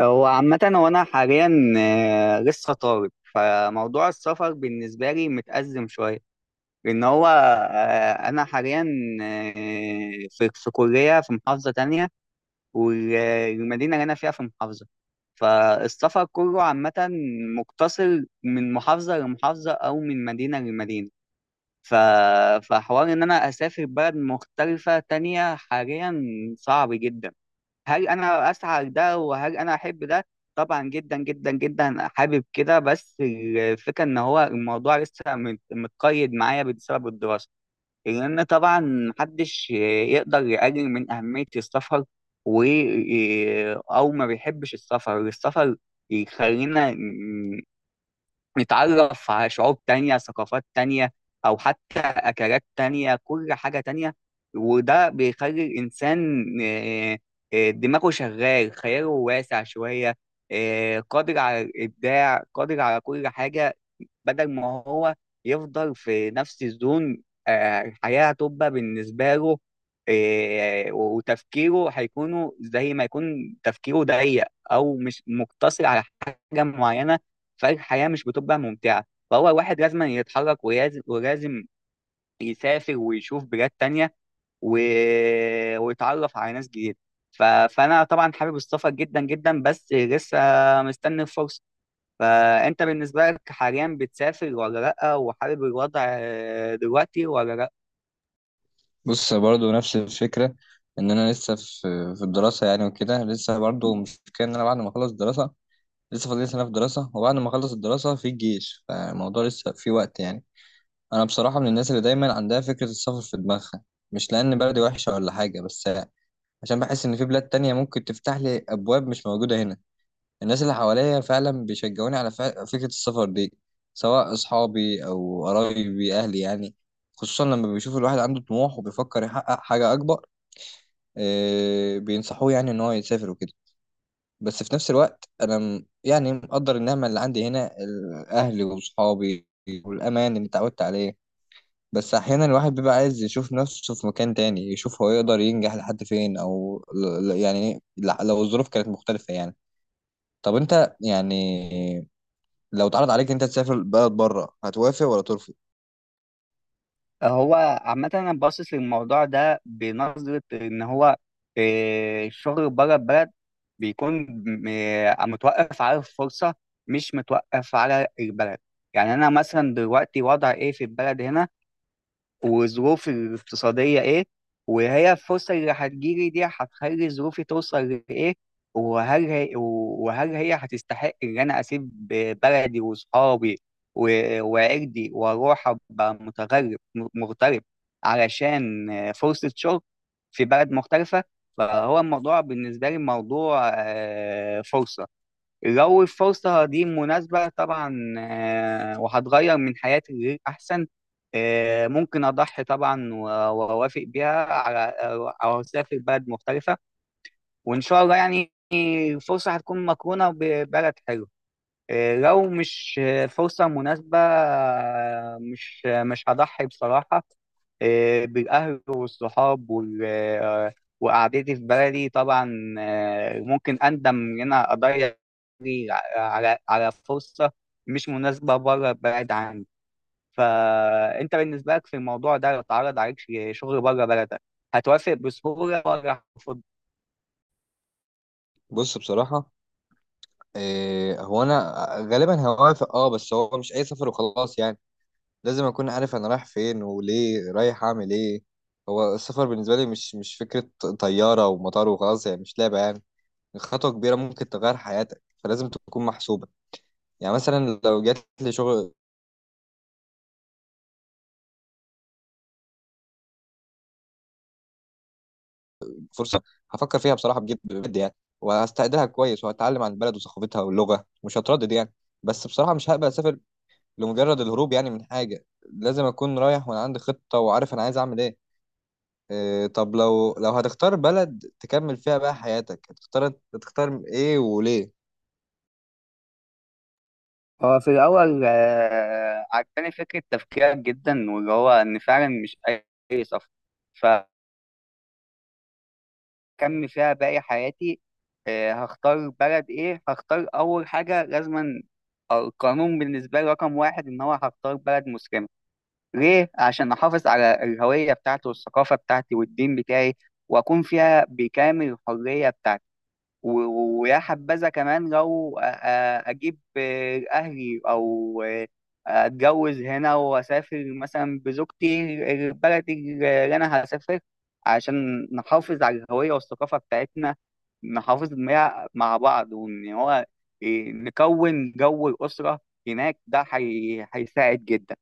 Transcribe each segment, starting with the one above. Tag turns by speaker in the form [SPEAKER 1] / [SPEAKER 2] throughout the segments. [SPEAKER 1] هو عامة، هو أنا حاليا لسه طالب. فموضوع السفر بالنسبة لي متأزم شوية، لأن هو أنا حاليا في كلية في محافظة تانية، والمدينة اللي أنا فيها في محافظة. فالسفر كله عامة مقتصر من محافظة لمحافظة أو من مدينة لمدينة. ف- فحوار إن أنا أسافر بلد مختلفة تانية حاليا صعب جدا. هل انا اسعى ده وهل انا احب ده؟ طبعا، جدا جدا جدا حابب كده. بس الفكره ان هو الموضوع لسه متقيد معايا بسبب الدراسه، لان طبعا محدش يقدر يقلل من اهميه السفر. و او ما بيحبش السفر. السفر يخلينا نتعرف على شعوب تانية، ثقافات تانية، أو حتى أكلات تانية، كل حاجة تانية. وده بيخلي الإنسان دماغه شغال، خياله واسع شوية، قادر على الإبداع، قادر على كل حاجة، بدل ما هو يفضل في نفس الزون. الحياة هتبقى بالنسبة له وتفكيره هيكونوا زي ما يكون تفكيره ضيق، أو مش مقتصر على حاجة معينة. فالحياة مش بتبقى ممتعة، فهو واحد لازم يتحرك، ولازم يسافر ويشوف بلاد تانية و... ويتعرف على ناس جديدة. فأنا طبعا حابب السفر جدا جدا، بس لسه مستني الفرصة. فأنت بالنسبة لك حاليا بتسافر ولا لأ، وحابب الوضع دلوقتي ولا لأ؟
[SPEAKER 2] بص، برضو نفس الفكرة، إن أنا لسه في الدراسة يعني وكده. لسه برضو مش كان إن أنا بعد ما أخلص الدراسة، لسه فاضل لي سنة في الدراسة، وبعد ما أخلص الدراسة في الجيش، فالموضوع لسه في وقت يعني. أنا بصراحة من الناس اللي دايما عندها فكرة السفر في دماغها، مش لأن بلدي وحشة ولا حاجة، بس عشان بحس إن في بلاد تانية ممكن تفتح لي أبواب مش موجودة هنا. الناس اللي حواليا فعلا بيشجعوني على فكرة السفر دي، سواء أصحابي أو قرايبي أهلي يعني، خصوصا لما بيشوفوا الواحد عنده طموح وبيفكر يحقق حاجة أكبر. آه، بينصحوه يعني ان هو يسافر وكده. بس في نفس الوقت انا يعني مقدر النعمه اللي عندي هنا، اهلي واصحابي والامان اللي اتعودت عليه. بس احيانا الواحد بيبقى عايز يشوف نفسه في مكان تاني، يشوف هو يقدر ينجح لحد فين، او لو الظروف كانت مختلفه يعني. طب انت يعني، لو اتعرض عليك انت تسافر بلد بره، هتوافق ولا ترفض؟
[SPEAKER 1] هو عامة أنا باصص للموضوع ده بنظرة إن هو، إيه، الشغل بره البلد بيكون م- إيه، متوقف على الفرصة، مش متوقف على البلد. يعني أنا مثلا دلوقتي وضع إيه في البلد هنا، وظروفي الاقتصادية إيه، وهي الفرصة اللي هتجيلي دي هتخلي ظروفي توصل لإيه، وهل هي هتستحق إن أنا أسيب بلدي وصحابي وعيلتي، وأروح أبقى متغرب، مغترب علشان فرصة شغل في بلد مختلفة. فهو الموضوع بالنسبة لي موضوع فرصة. لو الفرصة دي مناسبة طبعا، وهتغير من حياتي لغير أحسن، ممكن أضحي طبعا وأوافق بيها على، أو أسافر بلد مختلفة. وإن شاء الله يعني الفرصة هتكون مقرونة ببلد حلو. لو مش فرصة مناسبة، مش مش هضحي بصراحة بالأهل والصحاب وقعدتي في بلدي طبعا. ممكن أندم إن أنا أضيع على فرصة مش مناسبة بره البلد عندي. فأنت بالنسبة لك في الموضوع ده، لو اتعرض عليك شغل بره بلدك، هتوافق بسهولة ولا هترفض؟
[SPEAKER 2] بص بصراحه، آه، هو انا غالبا هوافق. اه، بس هو مش اي سفر وخلاص يعني، لازم اكون عارف انا رايح فين وليه رايح اعمل ايه. هو السفر بالنسبه لي مش فكره طياره ومطار وخلاص يعني، مش لعبه يعني. خطوه كبيره ممكن تغير حياتك، فلازم تكون محسوبه. يعني مثلا لو جات لي شغل، فرصه، هفكر فيها بصراحه بجد بجد يعني، وهستقدرها كويس، وهتعلم عن البلد وثقافتها واللغه، مش هتردد يعني. بس بصراحه مش هقبل اسافر لمجرد الهروب يعني من حاجه، لازم اكون رايح وانا عندي خطه وعارف انا عايز اعمل ايه. إيه، طب لو هتختار بلد تكمل فيها بقى حياتك، هتختار ايه وليه؟
[SPEAKER 1] هو في الأول، عجباني فكرة تفكيرك جدا، واللي هو إن فعلا مش أي سفر. ف اكمل فيها باقي حياتي، هختار بلد ايه. هختار اول حاجه لازما القانون بالنسبه لي، رقم 1، ان هو هختار بلد مسلمه. ليه؟ عشان احافظ على الهويه بتاعتي والثقافه بتاعتي والدين بتاعي، واكون فيها بكامل الحريه بتاعتي. ويا حبذا كمان لو اجيب اهلي او اتجوز هنا واسافر مثلا بزوجتي البلد اللي انا هسافر، عشان نحافظ على الهوية والثقافة بتاعتنا، نحافظ مع بعض، وان هو نكون جو الأسرة هناك. ده هيساعد جدا.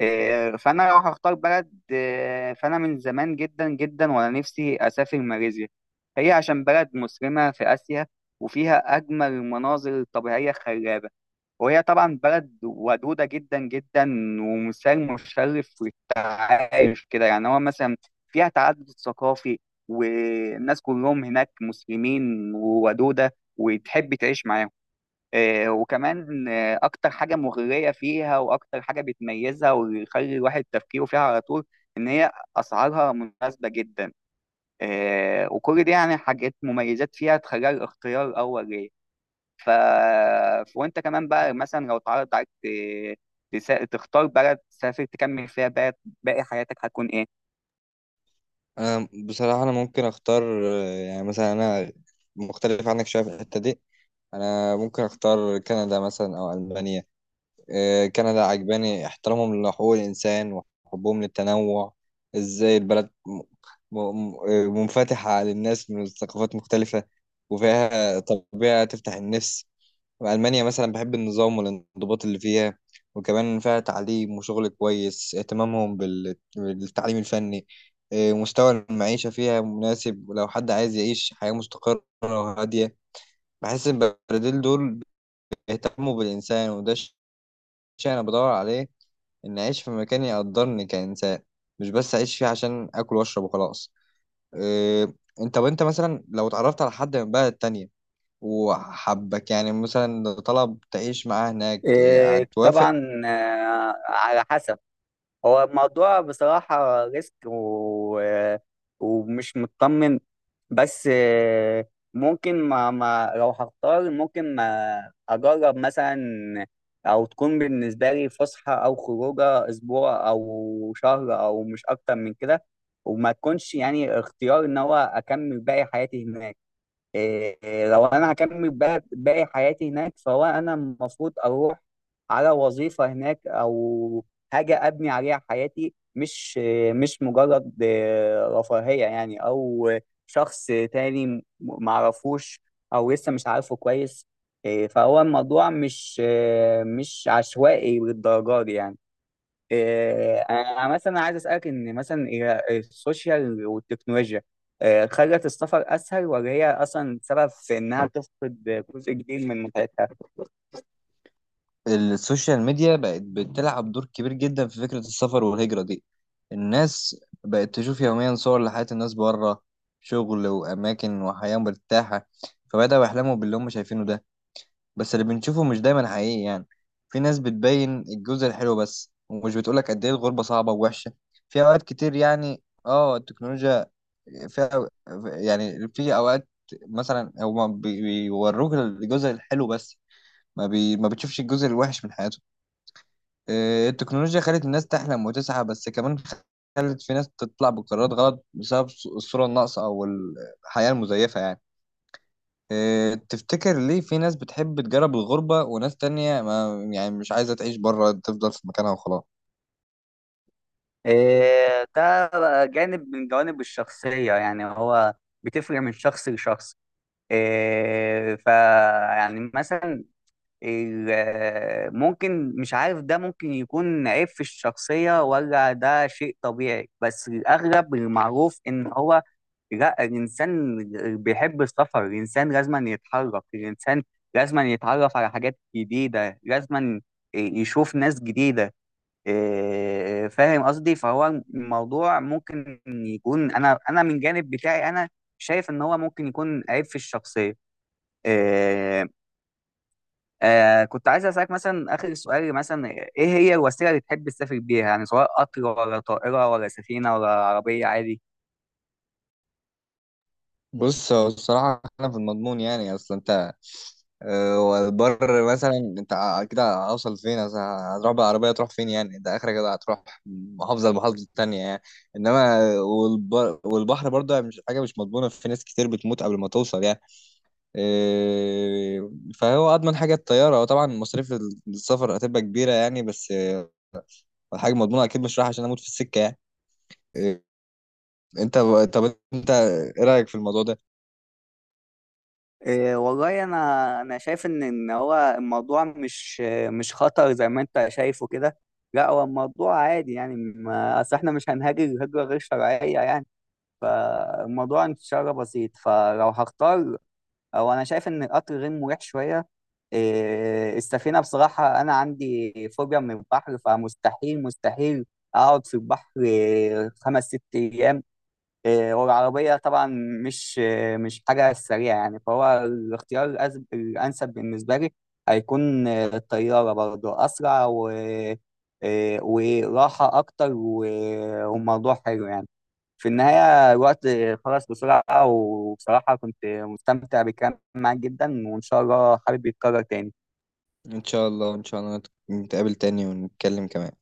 [SPEAKER 1] إيه، فانا لو هختار بلد، إيه، فانا من زمان جدا جدا وانا نفسي اسافر ماليزيا. هي عشان بلد مسلمه في اسيا، وفيها اجمل المناظر الطبيعيه الخلابه، وهي طبعا بلد ودوده جدا جدا، ومثال مشرف للتعايش كده. يعني هو مثلا فيها تعدد ثقافي، والناس كلهم هناك مسلمين وودوده وتحب تعيش معاهم. وكمان، اكتر حاجه مغريه فيها واكتر حاجه بتميزها ويخلي الواحد تفكيره فيها على طول، ان هي اسعارها مناسبه جدا. وكل دي يعني حاجات مميزات فيها تخليها الاختيار الاول ليه. ف... وانت كمان بقى، مثلا لو اتعرض عليك تختار بلد تسافر تكمل فيها بقى باقي حياتك، هتكون ايه؟
[SPEAKER 2] انا بصراحة انا ممكن اختار، آه، يعني مثلا انا مختلف عنك شوية في الحتة دي. انا ممكن اختار كندا مثلا او المانيا. إيه، كندا عجباني احترامهم لحقوق الانسان وحبهم للتنوع، ازاي البلد آه، منفتحة على الناس من ثقافات مختلفة، وفيها طبيعة تفتح النفس. ألمانيا مثلا بحب النظام والانضباط اللي فيها، وكمان فيها تعليم وشغل كويس، اهتمامهم بالتعليم الفني. إيه، مستوى المعيشة فيها مناسب، ولو حد عايز يعيش حياة مستقرة وهادية، بحس إن البرازيل دول بيهتموا بالإنسان، وده الشيء أنا بدور عليه، إن أعيش في مكان يقدرني كإنسان، مش بس أعيش فيه عشان آكل وأشرب وخلاص. إيه، وأنت مثلا لو اتعرفت على حد من بلد تانية وحبك، يعني مثلا لو طلب تعيش معاه هناك، هتوافق؟
[SPEAKER 1] طبعا، على حسب. هو الموضوع بصراحة ريسك ومش مطمن. بس، ممكن ما لو هختار ممكن ما أجرب مثلا، أو تكون بالنسبة لي فسحة أو خروجة أسبوع أو شهر أو مش أكتر من كده. وما تكونش يعني اختيار إن هو أكمل باقي حياتي هناك. إيه، لو انا هكمل بقى باقي حياتي هناك، فهو انا المفروض اروح على وظيفة هناك، او حاجة ابني عليها حياتي، مش مش مجرد رفاهية يعني، او شخص تاني معرفوش او لسه مش عارفه كويس. إيه، فهو الموضوع مش، مش عشوائي بالدرجة دي يعني. انا مثلا عايز اسالك، ان مثلا هي السوشيال والتكنولوجيا، خلت السفر اسهل، ولا هي اصلا سبب في انها تفقد جزء كبير من متعتها؟
[SPEAKER 2] السوشيال ميديا بقت بتلعب دور كبير جدا في فكرة السفر والهجرة دي. الناس بقت تشوف يوميا صور لحياة الناس بره، شغل وأماكن وحياة مرتاحة، فبدأوا يحلموا باللي هم شايفينه ده. بس اللي بنشوفه مش دايما حقيقي يعني، في ناس بتبين الجزء الحلو بس، ومش بتقولك قد إيه الغربة صعبة ووحشة في أوقات كتير يعني. اه، التكنولوجيا فيها يعني، في اوقات مثلا هو بيوروك الجزء الحلو بس، ما بتشوفش الجزء الوحش من حياته. آه، التكنولوجيا خلت الناس تحلم وتسعى، بس كمان خلت في ناس تطلع بقرارات غلط بسبب الصورة الناقصة او الحياة المزيفة يعني. آه، تفتكر ليه في ناس بتحب تجرب الغربة، وناس تانية ما يعني مش عايزة تعيش بره، تفضل في مكانها وخلاص؟
[SPEAKER 1] ده جانب من جوانب الشخصيه يعني، هو بتفرق من شخص لشخص. ف يعني مثلا، ممكن مش عارف ده، ممكن يكون عيب في الشخصية ولا ده شيء طبيعي، بس الأغلب المعروف إن هو، لا، الإنسان بيحب السفر، الإنسان لازم يتحرك، الإنسان لازم يتعرف على حاجات جديدة، لازم يشوف ناس جديدة. إيه، فاهم قصدي؟ فهو الموضوع ممكن يكون، أنا من جانب بتاعي، أنا شايف إن هو ممكن يكون عيب في الشخصية. إيه، كنت عايز اسالك مثلا اخر سؤال، مثلا ايه هي الوسيله اللي تحب تسافر بيها، يعني سواء قطر ولا طائره ولا سفينه ولا عربيه عادي؟
[SPEAKER 2] بص، هو الصراحة أنا في المضمون يعني، أصل أنت، أه، والبر مثلا انت كده هوصل فين؟ مثلا هتروح بالعربية تروح فين يعني؟ انت اخرك كده هتروح محافظة لمحافظة التانية يعني. انما والبر والبحر برضه مش حاجة مش مضمونة، في ناس كتير بتموت قبل ما توصل يعني. أه، فهو اضمن حاجة الطيارة، وطبعا مصاريف السفر هتبقى كبيرة يعني، بس أه، حاجة مضمونة، اكيد مش رايح عشان اموت في السكة يعني. أه، انت، طب انت ايه رأيك في الموضوع ده؟
[SPEAKER 1] إيه، والله انا شايف ان هو الموضوع مش خطر زي ما انت شايفه كده. لا، هو الموضوع عادي يعني، ما اصل احنا مش هنهاجر هجره غير شرعيه يعني. فالموضوع ان شاء الله بسيط. فلو هختار، او انا شايف ان القطر غير مريح شويه. إيه، السفينه بصراحه انا عندي فوبيا من البحر، فمستحيل مستحيل اقعد في البحر إيه، 5 6 ايام. إيه، والعربيه طبعا مش، إيه، مش حاجه سريعه يعني. فهو الاختيار الانسب بالنسبه لي هيكون، إيه، الطياره برضه اسرع و، إيه، وراحه اكتر وموضوع حلو يعني. في النهاية الوقت خلص بسرعة، وبصراحة كنت مستمتع بالكلام معاك جدا، وإن شاء الله حابب يتكرر تاني.
[SPEAKER 2] ان شاء الله، ان شا الله نتقابل تاني ونتكلم كمان.